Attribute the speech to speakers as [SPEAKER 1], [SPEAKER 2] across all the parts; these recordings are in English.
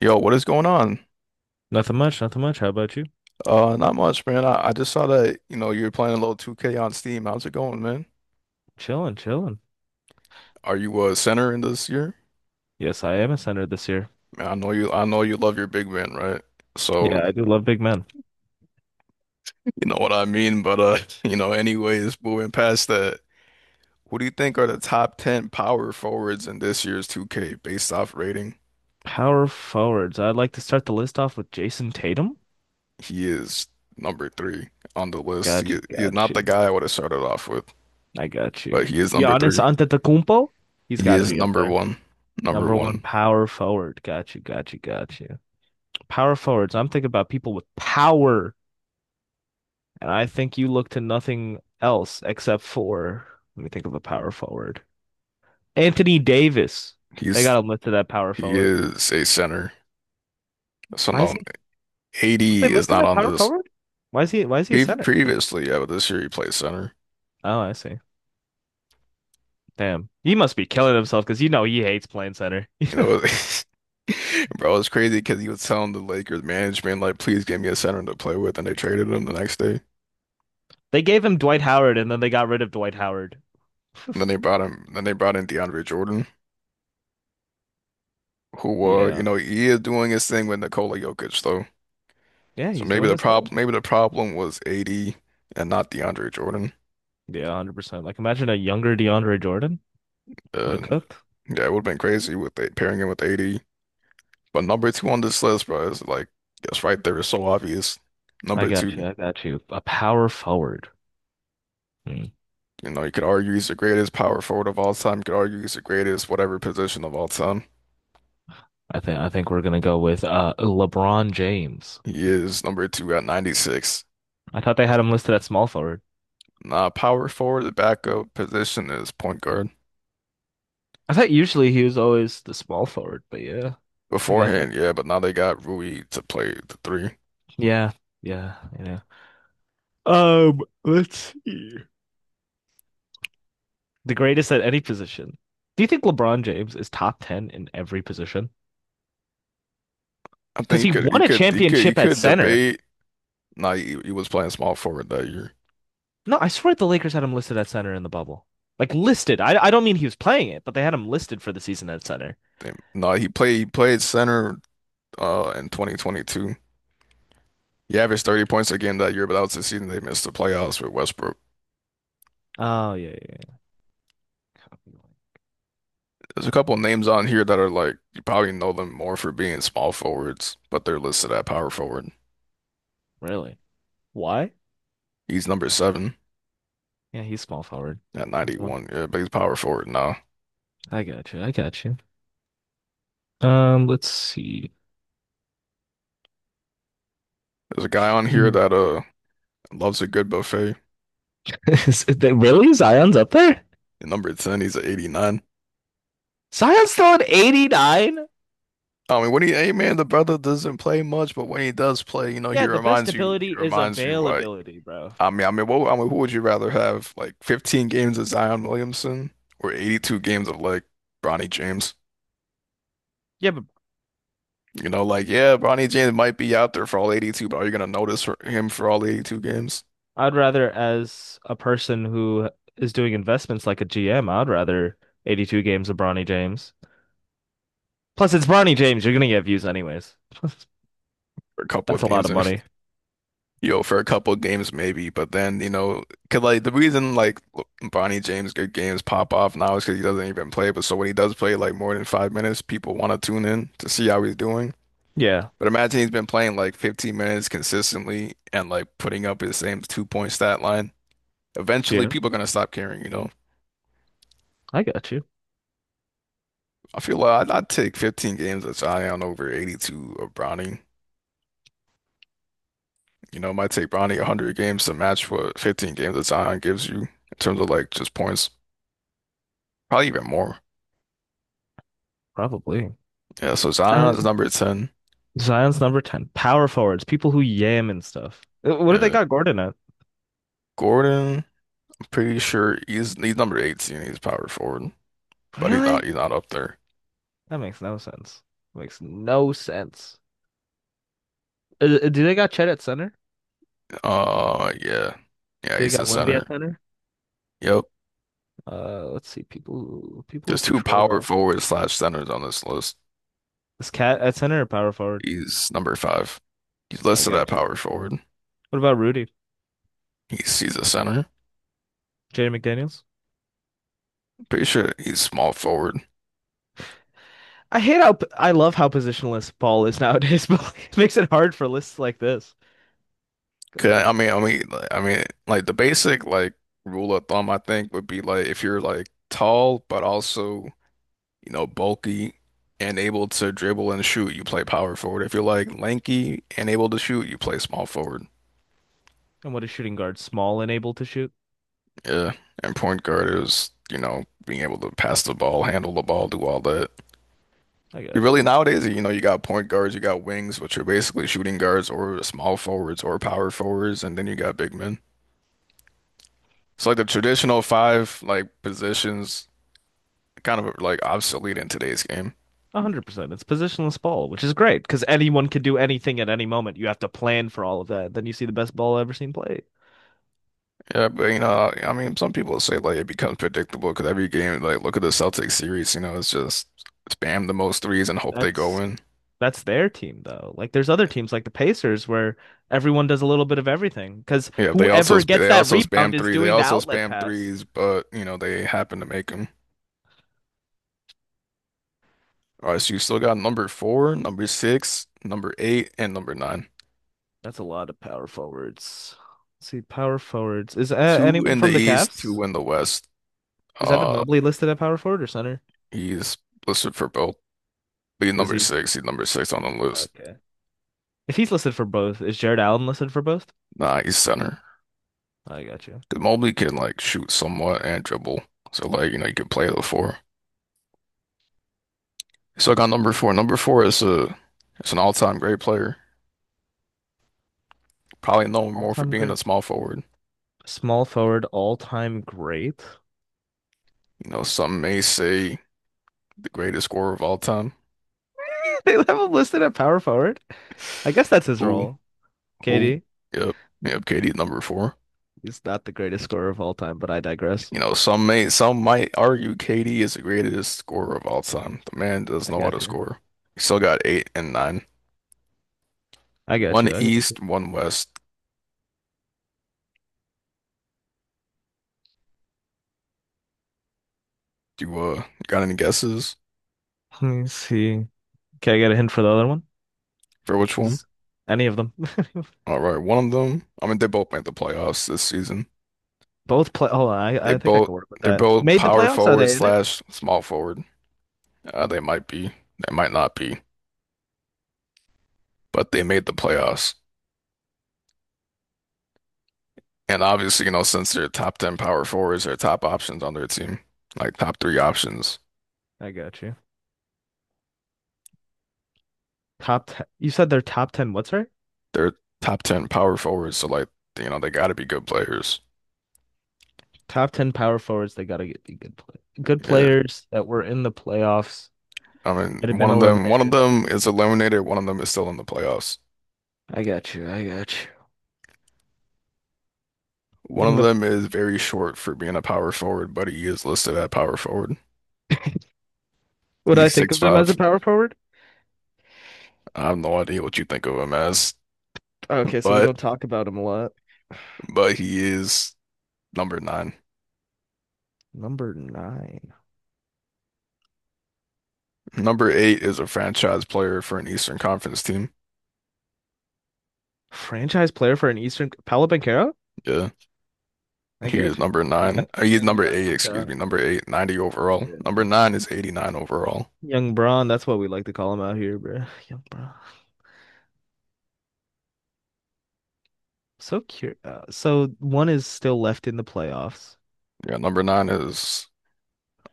[SPEAKER 1] Yo, what is going on?
[SPEAKER 2] Nothing much, nothing much. How about you?
[SPEAKER 1] Not much, man. I just saw that, you're playing a little 2K on Steam. How's it going, man?
[SPEAKER 2] Chilling, chilling.
[SPEAKER 1] Are you a center in this year?
[SPEAKER 2] Yes, I am a center this year.
[SPEAKER 1] Man, I know you love your big man, right? So,
[SPEAKER 2] Yeah, I do love big men.
[SPEAKER 1] you know what I mean, but anyways, moving past that, who do you think are the top 10 power forwards in this year's 2K based off rating?
[SPEAKER 2] Power forwards. I'd like to start the list off with Jason Tatum.
[SPEAKER 1] He is number three on the list.
[SPEAKER 2] Got
[SPEAKER 1] He,
[SPEAKER 2] you,
[SPEAKER 1] he is
[SPEAKER 2] got
[SPEAKER 1] not the
[SPEAKER 2] you.
[SPEAKER 1] guy I would have started off with,
[SPEAKER 2] I got
[SPEAKER 1] but
[SPEAKER 2] you.
[SPEAKER 1] he is number
[SPEAKER 2] Giannis
[SPEAKER 1] three.
[SPEAKER 2] Antetokounmpo. He's
[SPEAKER 1] He
[SPEAKER 2] got to
[SPEAKER 1] is
[SPEAKER 2] be up
[SPEAKER 1] number
[SPEAKER 2] there.
[SPEAKER 1] one. Number
[SPEAKER 2] Number one
[SPEAKER 1] one.
[SPEAKER 2] power forward. Got you, got you, got you. Power forwards. I'm thinking about people with power, and I think you look to nothing else except for. Let me think of a power forward. Anthony Davis. They
[SPEAKER 1] He's
[SPEAKER 2] got him listed at power
[SPEAKER 1] He
[SPEAKER 2] forward.
[SPEAKER 1] is a center. So
[SPEAKER 2] Why is
[SPEAKER 1] no,
[SPEAKER 2] he? Did they
[SPEAKER 1] AD is
[SPEAKER 2] list him
[SPEAKER 1] not
[SPEAKER 2] at
[SPEAKER 1] on
[SPEAKER 2] power
[SPEAKER 1] this.
[SPEAKER 2] forward? Why is he a
[SPEAKER 1] Pre
[SPEAKER 2] center?
[SPEAKER 1] previously, yeah, but this year he plays center.
[SPEAKER 2] Oh, I see. Damn. He must be killing himself because you know he hates playing center.
[SPEAKER 1] You know, bro, it's crazy because he was telling the Lakers management like, please give me a center to play with, and they traded him the next day.
[SPEAKER 2] They gave him Dwight Howard and then they got rid of Dwight Howard.
[SPEAKER 1] And then they brought him. Then they brought in DeAndre Jordan, who,
[SPEAKER 2] Yeah.
[SPEAKER 1] he is doing his thing with Nikola Jokic though.
[SPEAKER 2] Yeah,
[SPEAKER 1] So
[SPEAKER 2] he's
[SPEAKER 1] maybe
[SPEAKER 2] doing
[SPEAKER 1] the
[SPEAKER 2] his
[SPEAKER 1] problem,
[SPEAKER 2] thing.
[SPEAKER 1] maybe the problem was AD and not DeAndre Jordan.
[SPEAKER 2] Yeah, 100%. Like imagine a younger DeAndre Jordan would
[SPEAKER 1] Uh,
[SPEAKER 2] have cooked.
[SPEAKER 1] yeah, it would have been crazy with pairing him with AD. But number two on this list, bro, is like that's right there is so obvious.
[SPEAKER 2] I
[SPEAKER 1] Number
[SPEAKER 2] got
[SPEAKER 1] two,
[SPEAKER 2] you. I got you. A power forward. Hmm.
[SPEAKER 1] you could argue he's the greatest power forward of all time. You could argue he's the greatest whatever position of all time.
[SPEAKER 2] I think we're gonna go with LeBron James.
[SPEAKER 1] He is number two at 96.
[SPEAKER 2] I thought they had him listed at small forward.
[SPEAKER 1] Nah, power forward, the backup position is point guard.
[SPEAKER 2] I thought usually he was always the small forward, but yeah, I got that.
[SPEAKER 1] Beforehand, yeah, but now they got Rui to play the three.
[SPEAKER 2] Yeah, yeah, yeah. Let's see. The greatest at any position. Do you think LeBron James is top 10 in every position?
[SPEAKER 1] I think
[SPEAKER 2] Because
[SPEAKER 1] you
[SPEAKER 2] he
[SPEAKER 1] could, you
[SPEAKER 2] won a
[SPEAKER 1] could, you could, you
[SPEAKER 2] championship at
[SPEAKER 1] could
[SPEAKER 2] center.
[SPEAKER 1] debate. Nah, he was playing small forward that year.
[SPEAKER 2] No, I swear the Lakers had him listed at center in the bubble. Like listed. I don't mean he was playing it, but they had him listed for the season at center.
[SPEAKER 1] Damn. Nah, he played center in 2022. He averaged 30 points a game that year, but that was the season they missed the playoffs with Westbrook.
[SPEAKER 2] Oh, yeah, yeah, yeah.
[SPEAKER 1] There's a couple names on here that are like, you probably know them more for being small forwards, but they're listed at power forward.
[SPEAKER 2] Really? Why?
[SPEAKER 1] He's number seven
[SPEAKER 2] Yeah, he's small forward.
[SPEAKER 1] at 91. Yeah, but he's power forward now.
[SPEAKER 2] I got you. I got you. Let's see.
[SPEAKER 1] There's a guy on here that loves a good buffet.
[SPEAKER 2] Really? Zion's up there?
[SPEAKER 1] At number 10, he's at 89.
[SPEAKER 2] Zion's still at 89?
[SPEAKER 1] I mean, hey man, the brother doesn't play much, but when he does play, you know, he
[SPEAKER 2] Yeah, the best
[SPEAKER 1] reminds you,
[SPEAKER 2] ability
[SPEAKER 1] he
[SPEAKER 2] is
[SPEAKER 1] reminds you like.
[SPEAKER 2] availability, bro.
[SPEAKER 1] I mean, what, I mean, who would you rather have, like 15 games of Zion Williamson or 82 games of like Bronny James?
[SPEAKER 2] Yeah, but
[SPEAKER 1] You know, like yeah, Bronny James might be out there for all 82, but are you gonna notice for him for all 82 games?
[SPEAKER 2] I'd rather, as a person who is doing investments like a GM, I'd rather 82 games of Bronny James. Plus, it's Bronny James. You're gonna get views anyways.
[SPEAKER 1] For a couple of
[SPEAKER 2] That's a lot
[SPEAKER 1] games,
[SPEAKER 2] of
[SPEAKER 1] and
[SPEAKER 2] money.
[SPEAKER 1] for a couple of games maybe, but then cause like the reason like Bronny James good games pop off now is because he doesn't even play. But so when he does play like more than 5 minutes, people want to tune in to see how he's doing.
[SPEAKER 2] Yeah,
[SPEAKER 1] But imagine he's been playing like 15 minutes consistently and like putting up his same 2-point stat line. Eventually,
[SPEAKER 2] yeah,
[SPEAKER 1] people are gonna stop caring.
[SPEAKER 2] I got you.
[SPEAKER 1] I feel like I'd take 15 games of Zion over 82 of Bronny. You know, it might take Bronny 100 games to match what 15 games of Zion gives you in terms of like just points, probably even more.
[SPEAKER 2] Probably.
[SPEAKER 1] Yeah, so
[SPEAKER 2] Uh,
[SPEAKER 1] Zion's number 10.
[SPEAKER 2] Zion's number 10. Power forwards, people who yam and stuff. What do they
[SPEAKER 1] Yeah.
[SPEAKER 2] got Gordon at?
[SPEAKER 1] Gordon, I'm pretty sure he's number 18. He's power forward, but he's not
[SPEAKER 2] Really?
[SPEAKER 1] he's not up there.
[SPEAKER 2] That makes no sense. Makes no sense. Do they got Chet at center?
[SPEAKER 1] Yeah, yeah,
[SPEAKER 2] Do they
[SPEAKER 1] he's the
[SPEAKER 2] got Wemby at
[SPEAKER 1] center.
[SPEAKER 2] center?
[SPEAKER 1] Yep.
[SPEAKER 2] Let's see. People
[SPEAKER 1] There's
[SPEAKER 2] who
[SPEAKER 1] two
[SPEAKER 2] patrol
[SPEAKER 1] power
[SPEAKER 2] that.
[SPEAKER 1] forward slash centers on this list.
[SPEAKER 2] This cat at center or power forward?
[SPEAKER 1] He's number five. He's
[SPEAKER 2] I
[SPEAKER 1] listed at
[SPEAKER 2] got you.
[SPEAKER 1] power forward.
[SPEAKER 2] What about Rudy?
[SPEAKER 1] He's a center.
[SPEAKER 2] Jaden McDaniels?
[SPEAKER 1] Pretty sure he's small forward.
[SPEAKER 2] I love how positionless ball is nowadays, but like, it makes it hard for lists like this. Because
[SPEAKER 1] 'Kay, I
[SPEAKER 2] I
[SPEAKER 1] mean, I mean, like the basic like rule of thumb, I think, would be like if you're like tall but also bulky and able to dribble and shoot, you play power forward. If you're like lanky and able to shoot, you play small forward.
[SPEAKER 2] and what is shooting guard small and able to shoot?
[SPEAKER 1] Yeah, and point guard is being able to pass the ball, handle the ball, do all that.
[SPEAKER 2] I got
[SPEAKER 1] Really
[SPEAKER 2] you.
[SPEAKER 1] nowadays, you got point guards, you got wings, which are basically shooting guards or small forwards or power forwards, and then you got big men. So like the traditional five like positions kind of like obsolete in today's game.
[SPEAKER 2] 100%. It's positionless ball, which is great because anyone can do anything at any moment. You have to plan for all of that. Then you see the best ball I've ever seen played.
[SPEAKER 1] Yeah, but I mean, some people say like it becomes predictable because every game, like look at the Celtics series, it's just spam the most threes and hope they go
[SPEAKER 2] That's
[SPEAKER 1] in.
[SPEAKER 2] that's their team though. Like there's other teams like the Pacers where everyone does a little bit of everything because
[SPEAKER 1] Yeah, they also
[SPEAKER 2] whoever
[SPEAKER 1] sp-
[SPEAKER 2] gets
[SPEAKER 1] they
[SPEAKER 2] that
[SPEAKER 1] also
[SPEAKER 2] rebound
[SPEAKER 1] spam
[SPEAKER 2] is
[SPEAKER 1] three, they
[SPEAKER 2] doing the
[SPEAKER 1] also
[SPEAKER 2] outlet
[SPEAKER 1] spam
[SPEAKER 2] pass.
[SPEAKER 1] threes, but they happen to make them. All right, so you still got number four, number six, number eight, and number nine.
[SPEAKER 2] That's a lot of power forwards. Let's see, power forwards. Is
[SPEAKER 1] Two
[SPEAKER 2] anyone
[SPEAKER 1] in the
[SPEAKER 2] from the
[SPEAKER 1] East, two
[SPEAKER 2] Cavs?
[SPEAKER 1] in the West.
[SPEAKER 2] Is Evan
[SPEAKER 1] Uh,
[SPEAKER 2] Mobley listed at power forward or center?
[SPEAKER 1] he's listed for both. But he's
[SPEAKER 2] Is
[SPEAKER 1] number
[SPEAKER 2] he?
[SPEAKER 1] six. He's number six on the list.
[SPEAKER 2] Okay. If he's listed for both, is Jared Allen listed for both?
[SPEAKER 1] Nah, he's center.
[SPEAKER 2] I got you.
[SPEAKER 1] 'Cause Mobley can like shoot somewhat and dribble. So like, you can play the four. So I got number four. Number four is a it's an all-time great player. Probably known more for
[SPEAKER 2] All-time
[SPEAKER 1] being
[SPEAKER 2] great.
[SPEAKER 1] a small forward.
[SPEAKER 2] Small forward, all-time great.
[SPEAKER 1] You know, some may say the greatest scorer of all time.
[SPEAKER 2] They have him listed at power forward. I guess that's his
[SPEAKER 1] Who?
[SPEAKER 2] role.
[SPEAKER 1] Who?
[SPEAKER 2] KD.
[SPEAKER 1] Yep. Yep, KD number four.
[SPEAKER 2] He's not the greatest scorer of all time, but I digress.
[SPEAKER 1] You know, some might argue KD is the greatest scorer of all time. The man does
[SPEAKER 2] I
[SPEAKER 1] know how to
[SPEAKER 2] got you.
[SPEAKER 1] score. He still got eight and nine.
[SPEAKER 2] I got
[SPEAKER 1] One
[SPEAKER 2] you. I got.
[SPEAKER 1] East, one West. Do you got any guesses
[SPEAKER 2] Let me see. Can I get a hint for the other one?
[SPEAKER 1] for which one?
[SPEAKER 2] Just any of them.
[SPEAKER 1] All right, one of them. I mean, they both made the playoffs this season.
[SPEAKER 2] Both play. Hold on,
[SPEAKER 1] They
[SPEAKER 2] I think I
[SPEAKER 1] both
[SPEAKER 2] can work with
[SPEAKER 1] they're
[SPEAKER 2] that.
[SPEAKER 1] both
[SPEAKER 2] Made the
[SPEAKER 1] power
[SPEAKER 2] playoffs? Are
[SPEAKER 1] forward
[SPEAKER 2] they in it?
[SPEAKER 1] slash small forward. They might be, they might not be, but they made the playoffs. And obviously, since they're top 10 power forwards, they're top options on their team, like top three options.
[SPEAKER 2] I got you. Top ten. You said they're top ten. What's right?
[SPEAKER 1] They're top 10 power forwards, so like, they got to be good players.
[SPEAKER 2] Top ten power forwards. They gotta get be good play. Good
[SPEAKER 1] Yeah.
[SPEAKER 2] players that were in the playoffs
[SPEAKER 1] I mean,
[SPEAKER 2] might have been
[SPEAKER 1] one of
[SPEAKER 2] eliminated.
[SPEAKER 1] them is eliminated, one of them is still in the playoffs.
[SPEAKER 2] I got you. I got you.
[SPEAKER 1] One
[SPEAKER 2] In
[SPEAKER 1] of
[SPEAKER 2] the.
[SPEAKER 1] them is very short for being a power forward, but he is listed at power forward.
[SPEAKER 2] Would I
[SPEAKER 1] He's
[SPEAKER 2] think
[SPEAKER 1] six
[SPEAKER 2] of them as a
[SPEAKER 1] five.
[SPEAKER 2] power forward?
[SPEAKER 1] I have no idea what you think of him as,
[SPEAKER 2] Okay, so we
[SPEAKER 1] but
[SPEAKER 2] don't talk about them a lot.
[SPEAKER 1] he is number nine.
[SPEAKER 2] Number nine.
[SPEAKER 1] Number eight is a franchise player for an Eastern Conference team.
[SPEAKER 2] Franchise player for an Eastern. Paolo Banchero?
[SPEAKER 1] Yeah,
[SPEAKER 2] I
[SPEAKER 1] he is
[SPEAKER 2] got you.
[SPEAKER 1] number
[SPEAKER 2] Yeah, he
[SPEAKER 1] nine.
[SPEAKER 2] got
[SPEAKER 1] He's
[SPEAKER 2] and he
[SPEAKER 1] number
[SPEAKER 2] got
[SPEAKER 1] eight,
[SPEAKER 2] knocked
[SPEAKER 1] excuse
[SPEAKER 2] out.
[SPEAKER 1] me, number eight, 90 overall.
[SPEAKER 2] Yeah.
[SPEAKER 1] Number nine is 89 overall.
[SPEAKER 2] Young Braun, that's what we like to call him out here, bro. Young Braun. So curious. So one is still left in the playoffs.
[SPEAKER 1] Yeah, number nine is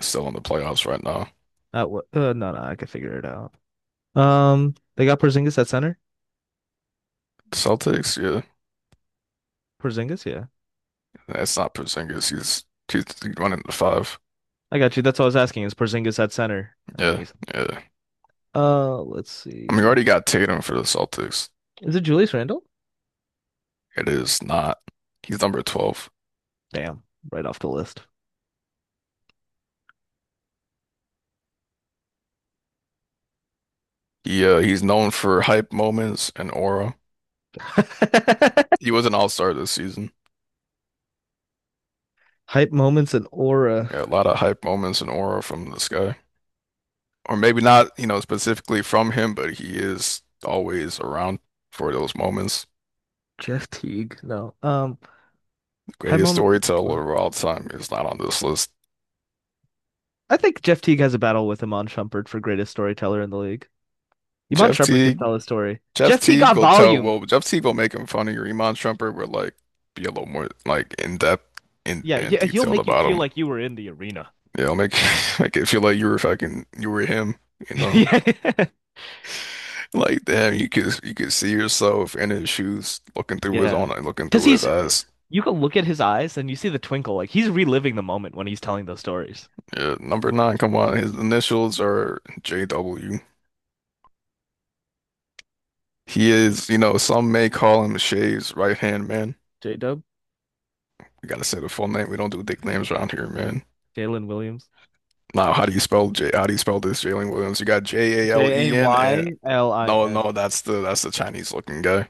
[SPEAKER 1] still in the playoffs right now.
[SPEAKER 2] No, no, I can figure it out. They got Porzingis at center.
[SPEAKER 1] Celtics, yeah.
[SPEAKER 2] Porzingis, yeah,
[SPEAKER 1] That's not Porzingis. He's running the five.
[SPEAKER 2] I got you. That's all I was asking is Porzingis at center, and then
[SPEAKER 1] Yeah,
[SPEAKER 2] he's.
[SPEAKER 1] yeah.
[SPEAKER 2] Let's
[SPEAKER 1] I mean, you
[SPEAKER 2] see.
[SPEAKER 1] already got Tatum for the Celtics.
[SPEAKER 2] Is it Julius Randle?
[SPEAKER 1] It is not. He's number 12.
[SPEAKER 2] Damn, right off the list.
[SPEAKER 1] He's known for hype moments and aura. He was an all-star this season.
[SPEAKER 2] Hype moments and aura.
[SPEAKER 1] Yeah, a lot of hype moments and aura from this guy. Or maybe not, specifically from him, but he is always around for those moments.
[SPEAKER 2] Jeff Teague. No.
[SPEAKER 1] The
[SPEAKER 2] High
[SPEAKER 1] greatest
[SPEAKER 2] moments of Aurora.
[SPEAKER 1] storyteller of all time is not on this list.
[SPEAKER 2] I think Jeff Teague has a battle with Iman Shumpert for greatest storyteller in the league. Iman
[SPEAKER 1] Jeff
[SPEAKER 2] Shumpert could
[SPEAKER 1] Teague,
[SPEAKER 2] tell a story.
[SPEAKER 1] Jeff
[SPEAKER 2] Jeff Teague
[SPEAKER 1] Teague
[SPEAKER 2] got
[SPEAKER 1] will tell,
[SPEAKER 2] volume.
[SPEAKER 1] well, Jeff Teague will make him funny. Iman Shumpert will like be a little more like in depth
[SPEAKER 2] Yeah,
[SPEAKER 1] and
[SPEAKER 2] yeah, he'll
[SPEAKER 1] detailed
[SPEAKER 2] make you
[SPEAKER 1] about
[SPEAKER 2] feel
[SPEAKER 1] him.
[SPEAKER 2] like you were in the arena.
[SPEAKER 1] Yeah, it'll make make it feel like you were fucking you were him. You know,
[SPEAKER 2] Yeah,
[SPEAKER 1] like damn, you could see yourself in his shoes, looking through his
[SPEAKER 2] yeah,
[SPEAKER 1] own, looking
[SPEAKER 2] because
[SPEAKER 1] through his
[SPEAKER 2] he's.
[SPEAKER 1] eyes.
[SPEAKER 2] You can look at his eyes and you see the twinkle. Like he's reliving the moment when he's telling those stories.
[SPEAKER 1] Yeah, number nine, come on, his initials are JW. He is, some may call him Shay's right hand man.
[SPEAKER 2] J Dub,
[SPEAKER 1] We gotta say the full name. We don't do dick names around here, man.
[SPEAKER 2] Jalen Williams,
[SPEAKER 1] Now, how do you spell J? How do you spell this Jalen Williams? You got J A L
[SPEAKER 2] J
[SPEAKER 1] E
[SPEAKER 2] A
[SPEAKER 1] N, and
[SPEAKER 2] Y L I
[SPEAKER 1] no,
[SPEAKER 2] N.
[SPEAKER 1] no, that's the Chinese looking guy.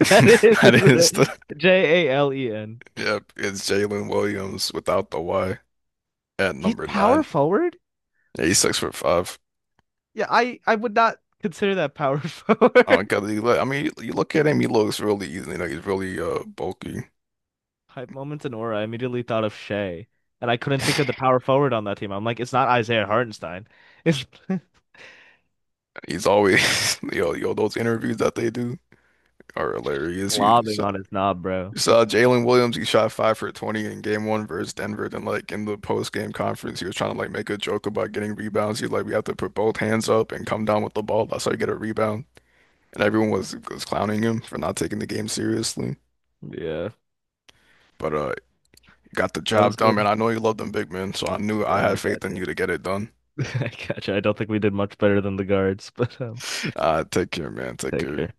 [SPEAKER 2] That is,
[SPEAKER 1] That
[SPEAKER 2] isn't
[SPEAKER 1] is
[SPEAKER 2] it?
[SPEAKER 1] the
[SPEAKER 2] Jalen.
[SPEAKER 1] yep. It's Jalen Williams without the Y at
[SPEAKER 2] He's
[SPEAKER 1] number
[SPEAKER 2] power
[SPEAKER 1] nine.
[SPEAKER 2] forward.
[SPEAKER 1] Yeah, he's 6'5".
[SPEAKER 2] Yeah, I would not consider that power
[SPEAKER 1] Oh
[SPEAKER 2] forward.
[SPEAKER 1] God, I mean, you look at him. He looks really easy. He's really bulky.
[SPEAKER 2] Hype moments and aura. I immediately thought of Shea, and I couldn't think of the power forward on that team. I'm like, it's not Isaiah Hartenstein. It's
[SPEAKER 1] He's always, yo, yo, those interviews that they do are hilarious.
[SPEAKER 2] lobbing on his knob, bro.
[SPEAKER 1] You saw Jalen Williams, he shot five for 20 in game one versus Denver. Then, like, in the post game conference, he was trying to, like, make a joke about getting rebounds. He's like, we have to put both hands up and come down with the ball. That's how you get a rebound. And everyone was clowning him for not taking the game seriously.
[SPEAKER 2] Yeah,
[SPEAKER 1] But, you got the
[SPEAKER 2] that was
[SPEAKER 1] job done,
[SPEAKER 2] good.
[SPEAKER 1] man. I know you love them big men, so I knew I
[SPEAKER 2] Yeah, I
[SPEAKER 1] had faith
[SPEAKER 2] got
[SPEAKER 1] in
[SPEAKER 2] you.
[SPEAKER 1] you to get it done.
[SPEAKER 2] I got you. I don't think we did much better than the guards, but
[SPEAKER 1] Take care, man. Take
[SPEAKER 2] take
[SPEAKER 1] care.
[SPEAKER 2] care.